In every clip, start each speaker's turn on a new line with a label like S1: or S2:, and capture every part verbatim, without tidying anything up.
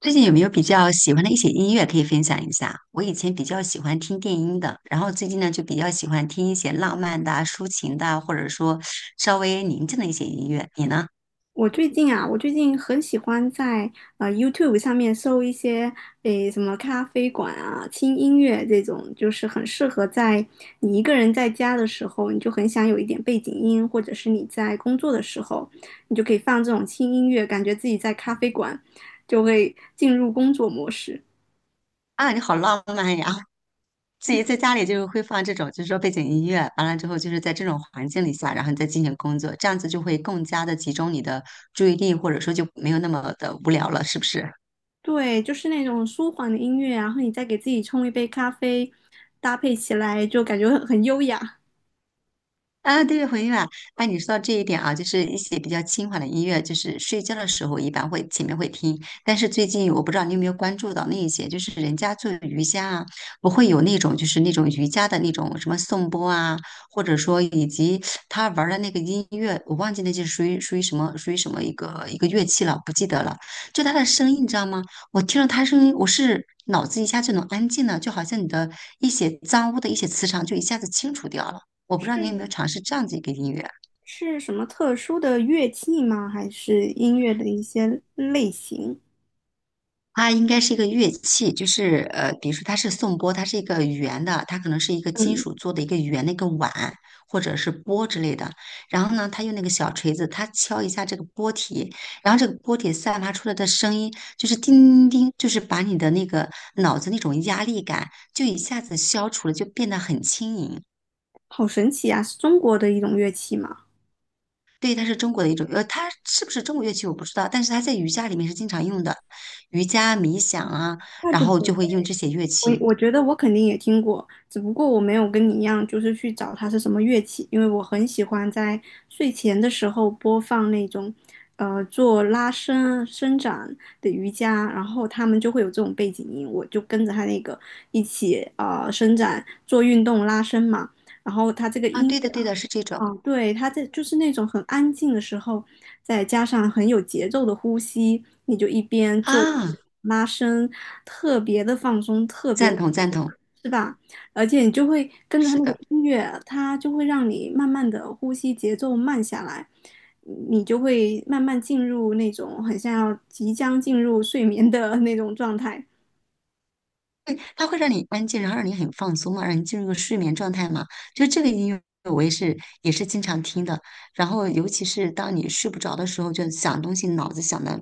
S1: 最近有没有比较喜欢的一些音乐可以分享一下？我以前比较喜欢听电音的，然后最近呢就比较喜欢听一些浪漫的啊抒情的啊或者说稍微宁静的一些音乐。你呢？
S2: 我最近啊，我最近很喜欢在呃 Y O U T U B E 上面搜一些诶什么咖啡馆啊、轻音乐这种，就是很适合在你一个人在家的时候，你就很想有一点背景音，或者是你在工作的时候，你就可以放这种轻音乐，感觉自己在咖啡馆，就会进入工作模式。
S1: 啊，你好浪漫呀！自己在家里就是会放这种，就是说背景音乐，完了之后就是在这种环境里下，然后你再进行工作，这样子就会更加的集中你的注意力，或者说就没有那么的无聊了，是不是？
S2: 对，就是那种舒缓的音乐啊，然后你再给自己冲一杯咖啡，搭配起来就感觉很很优雅。
S1: 啊，对，回音啊，那你说到这一点啊，就是一些比较轻缓的音乐，就是睡觉的时候一般会前面会听，但是最近我不知道你有没有关注到那一些，就是人家做瑜伽啊，不会有那种就是那种瑜伽的那种什么颂钵啊，或者说以及他玩儿的那个音乐，我忘记那是属于属于什么属于什么一个一个乐器了，不记得了。就他的声音，你知道吗？我听了他声音，我是脑子一下就能安静了，就好像你的一些脏污的一些磁场就一下子清除掉了。我不知道你有没有尝试这样子一个音乐啊，
S2: 是什么特殊的乐器吗？还是音乐的一些类型？
S1: 它应该是一个乐器，就是呃，比如说它是颂钵，它是一个圆的，它可能是一个金
S2: 嗯。
S1: 属做的一个圆的一个碗或者是钵之类的。然后呢，它用那个小锤子，它敲一下这个钵体，然后这个钵体散发出来的声音就是叮叮叮，就是把你的那个脑子那种压力感就一下子消除了，就变得很轻盈。
S2: 好神奇啊！是中国的一种乐器吗？
S1: 对，它是中国的一种，呃，它是不是中国乐器我不知道，但是它在瑜伽里面是经常用的，瑜伽、冥想啊，
S2: 怪
S1: 然
S2: 不
S1: 后
S2: 得。
S1: 就会用这些乐
S2: 我，
S1: 器
S2: 我觉得我肯定也听过，只不过我没有跟你一样，就是去找它是什么乐器，因为我很喜欢在睡前的时候播放那种，呃，做拉伸伸展的瑜伽，然后他们就会有这种背景音，我就跟着他那个一起呃伸展做运动拉伸嘛，然后他这个
S1: 啊。
S2: 音乐。
S1: 对的，对的，是这种
S2: 啊，对，他在就是那种很安静的时候，再加上很有节奏的呼吸，你就一边做
S1: 啊，
S2: 拉伸，特别的放松，特别
S1: 赞
S2: 的，
S1: 同，赞同，
S2: 是吧？而且你就会跟着他
S1: 是
S2: 那个
S1: 的。
S2: 音乐，它就会让你慢慢的呼吸节奏慢下来，你就会慢慢进入那种很像要即将进入睡眠的 那种状态。
S1: 对，它会让你安静，然后让你很放松嘛，让你进入一个睡眠状态嘛。就这个音乐，我也是也是经常听的。然后，尤其是当你睡不着的时候，就想东西，脑子想的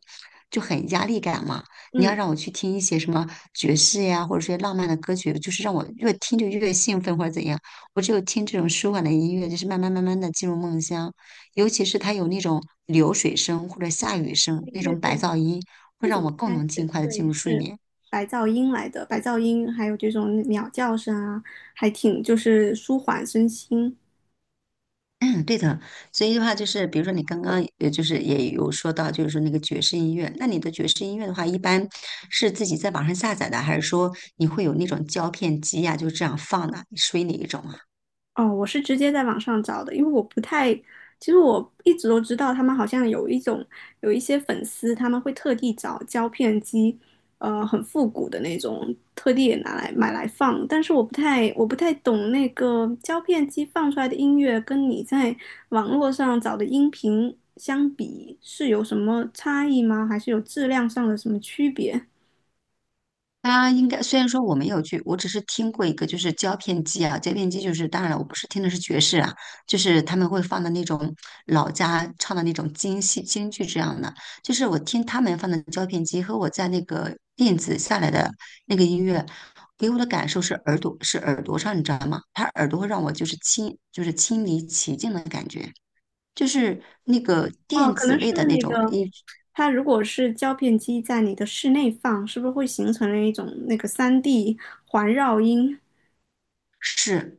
S1: 就很压力感嘛。你要
S2: 嗯，
S1: 让我去听一些什么爵士呀，或者说浪漫的歌曲，就是让我越听就越兴奋或者怎样。我只有听这种舒缓的音乐，就是慢慢慢慢的进入梦乡。尤其是它有那种流水声或者下雨声
S2: 对
S1: 那
S2: 对
S1: 种白
S2: 对。
S1: 噪音，会
S2: 那种
S1: 让
S2: 应
S1: 我更
S2: 该
S1: 能尽
S2: 是
S1: 快的进
S2: 对，
S1: 入睡
S2: 是
S1: 眠。
S2: 白噪音来的，白噪音还有这种鸟叫声啊，还挺就是舒缓身心。
S1: 嗯，对的，所以的话就是，比如说你刚刚呃，就是也有说到，就是说那个爵士音乐，那你的爵士音乐的话，一般是自己在网上下载的，还是说你会有那种胶片机呀、就这样放的？属于哪一种啊？
S2: 哦，我是直接在网上找的，因为我不太，其实我一直都知道他们好像有一种有一些粉丝，他们会特地找胶片机，呃，很复古的那种，特地也拿来买来放。但是我不太我不太懂那个胶片机放出来的音乐跟你在网络上找的音频相比是有什么差异吗？还是有质量上的什么区别？
S1: 它应该虽然说我没有去，我只是听过一个，就是胶片机啊，胶片机就是当然了，我不是听的是爵士啊，就是他们会放的那种老家唱的那种京戏京剧这样的，就是我听他们放的胶片机和我在那个电子下来的那个音乐，给我的感受是耳朵是耳朵上，你知道吗？他耳朵会让我就是亲就是亲临其境的感觉，就是那个
S2: 哦，
S1: 电
S2: 可
S1: 子
S2: 能是
S1: 类的那
S2: 那
S1: 种
S2: 个。
S1: 音
S2: 它如果是胶片机在你的室内放，是不是会形成了一种那个三 d 环绕音，
S1: 是。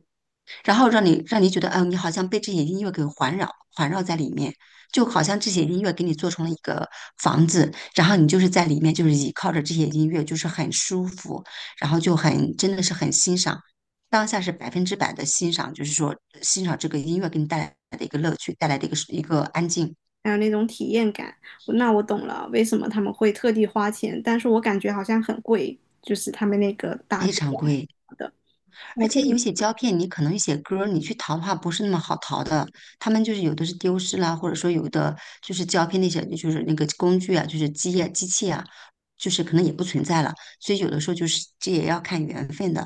S1: 然后让你让你觉得，嗯，你好像被这些音乐给环绕环绕在里面，就好像这些音乐给你做成了一个房子，然后你就是在里面，就是倚靠着这些音乐，就是很舒服，然后就很真的是很欣赏，当下是百分之百的欣赏，就是说欣赏这个音乐给你带来的一个乐趣，带来的一个一个安静。
S2: 还有那种体验感？那我懂了，为什么他们会特地花钱，但是我感觉好像很贵，就是他们那个打碟的。
S1: 而
S2: 我
S1: 且有些胶片，你可能有些歌儿，你去淘的话不是那么好淘的。他们就是有的是丢失啦，或者说有的就是胶片那些，就是那个工具啊，就是机啊、机器啊，就是可能也不存在了。所以有的时候就是这也要看缘分的。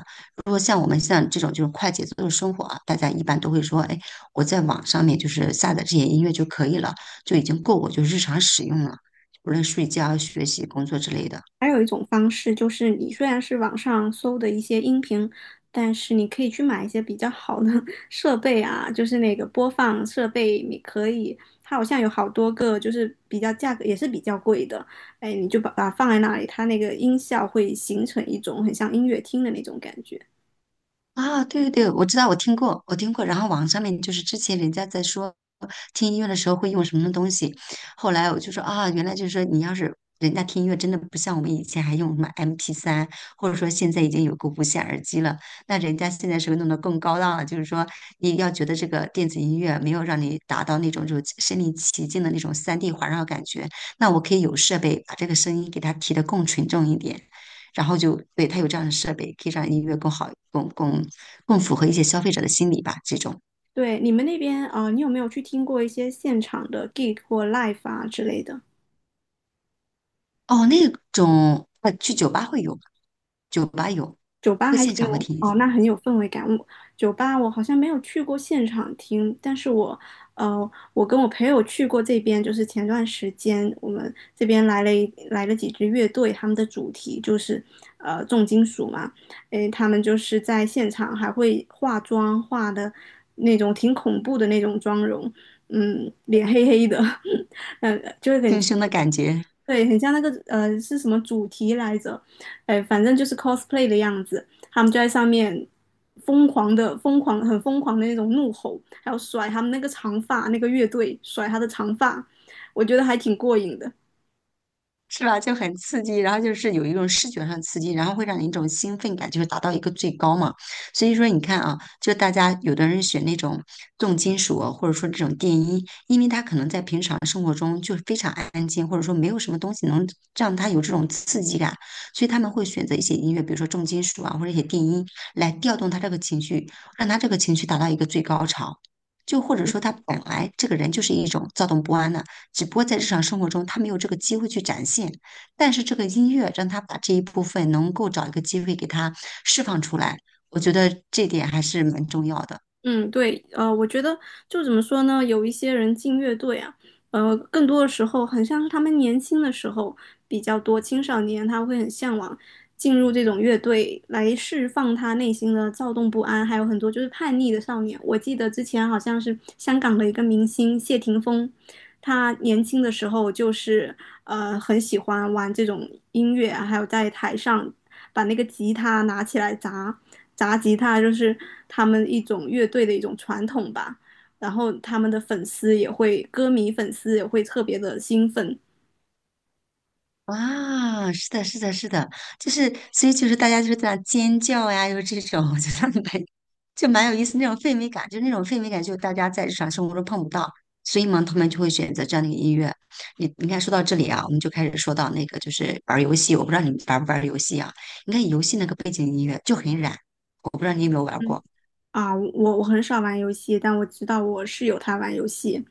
S1: 如果像我们像这种就是快节奏的生活啊，大家一般都会说，哎，我在网上面就是下载这些音乐就可以了，就已经够我就日常使用了，无论睡觉、学习、工作之类的。
S2: 还有一种方式就是，你虽然是网上搜的一些音频，但是你可以去买一些比较好的 设备啊，就是那个播放设备，你可以，它好像有好多个，就是比较价格也是比较贵的，哎，你就把把它放在那里，它那个音效会形成一种很像音乐厅的那种感觉。
S1: 啊，对对对，我知道，我听过，我听过。然后网上面就是之前人家在说听音乐的时候会用什么东西，后来我就说啊，原来就是说你要是人家听音乐真的不像我们以前还用什么 MP3,或者说现在已经有个无线耳机了，那人家现在是不是弄得更高档了？就是说你要觉得这个电子音乐没有让你达到那种就是身临其境的那种三 d 环绕感觉，那我可以有设备把这个声音给它提得更纯正一点。然后就对它有这样的设备，可以让音乐更好、更更更符合一些消费者的心理吧。这种
S2: 对，你们那边，呃，你有没有去听过一些现场的 gig 或 live 啊之类的？
S1: 哦，那种呃，去酒吧会有吧，酒吧有，
S2: 酒吧
S1: 会
S2: 还
S1: 现
S2: 挺
S1: 场会
S2: 有
S1: 听一
S2: 哦，
S1: 些
S2: 那很有氛围感。我酒吧我好像没有去过现场听，但是我呃，我跟我朋友去过这边，就是前段时间我们这边来了一来了几支乐队，他们的主题就是呃重金属嘛，诶，他们就是在现场还会化妆，化的那种挺恐怖的那种妆容，嗯，脸黑黑的，嗯，就会很
S1: 听胸的感觉。
S2: 对，很像那个呃是什么主题来着？哎，反正就是 cosplay 的样子，他们就在上面疯狂的、疯狂、很疯狂的那种怒吼，还有甩他们那个长发，那个乐队甩他的长发，我觉得还挺过瘾的。
S1: 是吧？就很刺激，然后就是有一种视觉上刺激，然后会让你一种兴奋感，就是达到一个最高嘛。所以说，你看啊，就大家有的人选那种重金属啊或者说这种电音，因为他可能在平常生活中就非常安静，或者说没有什么东西能让他有这种刺激感，所以他们会选择一些音乐，比如说重金属啊，或者一些电音，来调动他这个情绪，让他这个情绪达到一个最高潮。就或者说他本来这个人就是一种躁动不安的。只不过在日常生活中他没有这个机会去展现。但是这个音乐让他把这一部分能够找一个机会给他释放出来，我觉得这点还是蛮重要的。
S2: 嗯，对，呃，我觉得就怎么说呢，有一些人进乐队啊，呃，更多的时候很像是他们年轻的时候比较多，青少年他会很向往进入这种乐队来释放他内心的躁动不安，还有很多就是叛逆的少年。我记得之前好像是香港的一个明星谢霆锋，他年轻的时候就是呃很喜欢玩这种音乐啊还有在台上把那个吉他拿起来砸，砸吉他就是他们一种乐队的一种传统吧。然后他们的粉丝也会，歌迷粉丝也会特别的兴奋。
S1: 哇，是的，是的，是的，就是所以就是大家就是在那尖叫呀，又是这种，就得蛮就蛮有意思那种氛围感，就那种氛围感，就大家在日常生活中碰不到，所以嘛，他们就会选择这样的一个音乐。你你看，说到这里啊，我们就开始说到那个就是玩儿游戏，我不知道你玩不玩儿游戏啊？你看游戏那个背景音乐就很燃，我不知道你有没有玩
S2: 嗯。
S1: 过。
S2: 啊，我我很少玩游戏，但我知道我室友他玩游戏，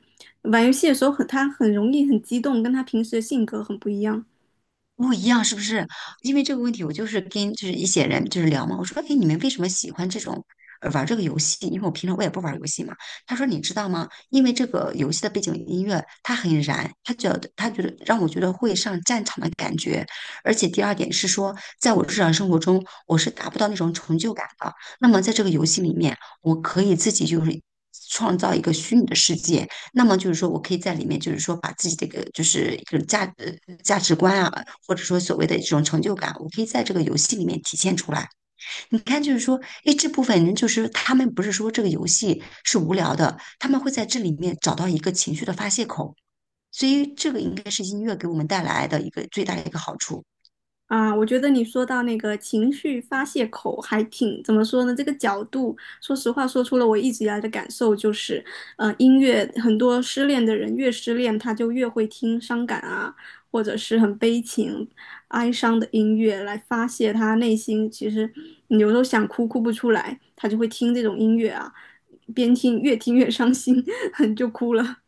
S2: 玩游戏的时候很他很容易很激动，跟他平时的性格很不一样。
S1: 不一样，是不是？因为这个问题，我就是跟就是一些人就是聊嘛，我说，哎，你们为什么喜欢这种呃玩这个游戏？因为我平常我也不玩游戏嘛。他说，你知道吗？因为这个游戏的背景音乐它很燃，他觉得他觉得让我觉得会上战场的感觉。而且第二点是说，在我日常生活中，我是达不到那种成就感的。那么在这个游戏里面，我可以自己就是。创造一个虚拟的世界，那么就是说我可以在里面，就是说把自己的一个就是一种价呃价值观啊，或者说所谓的这种成就感，我可以在这个游戏里面体现出来。你看，就是说，诶，这部分人就是他们不是说这个游戏是无聊的，他们会在这里面找到一个情绪的发泄口，所以这个应该是音乐给我们带来的一个最大的一个好处。
S2: 啊，我觉得你说到那个情绪发泄口还挺，怎么说呢？这个角度，说实话，说出了我一直以来的感受，就是，呃，音乐很多失恋的人越失恋，他就越会听伤感啊，或者是很悲情、哀伤的音乐来发泄他内心。其实你有时候想哭哭不出来，他就会听这种音乐啊，边听越听越伤心，就哭了。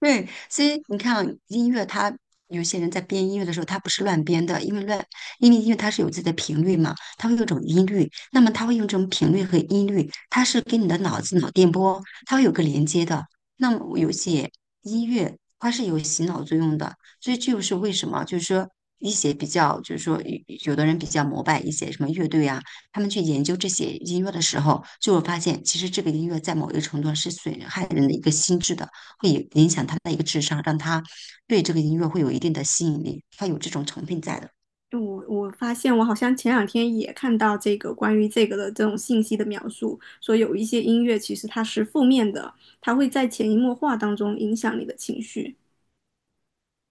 S1: 对，所以你看啊音乐它有些人在编音乐的时候，他不是乱编的，因为乱，因为音乐它是有自己的频率嘛，它会有一种音律，那么它会用这种频率和音律，它是跟你的脑子脑电波，它会有个连接的。那么有些音乐它是有洗脑作用的，所以这就是为什么，就是说一些比较，就是说有有的人比较膜拜一些什么乐队啊，他们去研究这些音乐的时候，就会发现，其实这个音乐在某一个程度上是损害人的一个心智的。会影响他的一个智商，让他对这个音乐会有一定的吸引力，他有这种成分在的。
S2: 我我发现我好像前两天也看到这个关于这个的这种信息的描述，说有一些音乐其实它是负面的，它会在潜移默化当中影响你的情绪。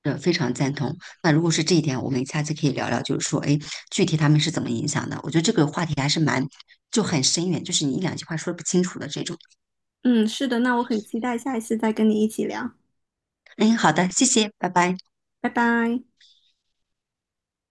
S1: 呃，非常赞同。那如果是这一点，我们下次可以聊聊，就是说，哎，具体他们是怎么影响的？我觉得这个话题还是蛮，就很深远，就是你一两句话说不清楚的这种。
S2: 嗯，是的，那我很期待下一次再跟你一起聊，
S1: 嗯，好的，谢谢，拜拜。
S2: 拜拜。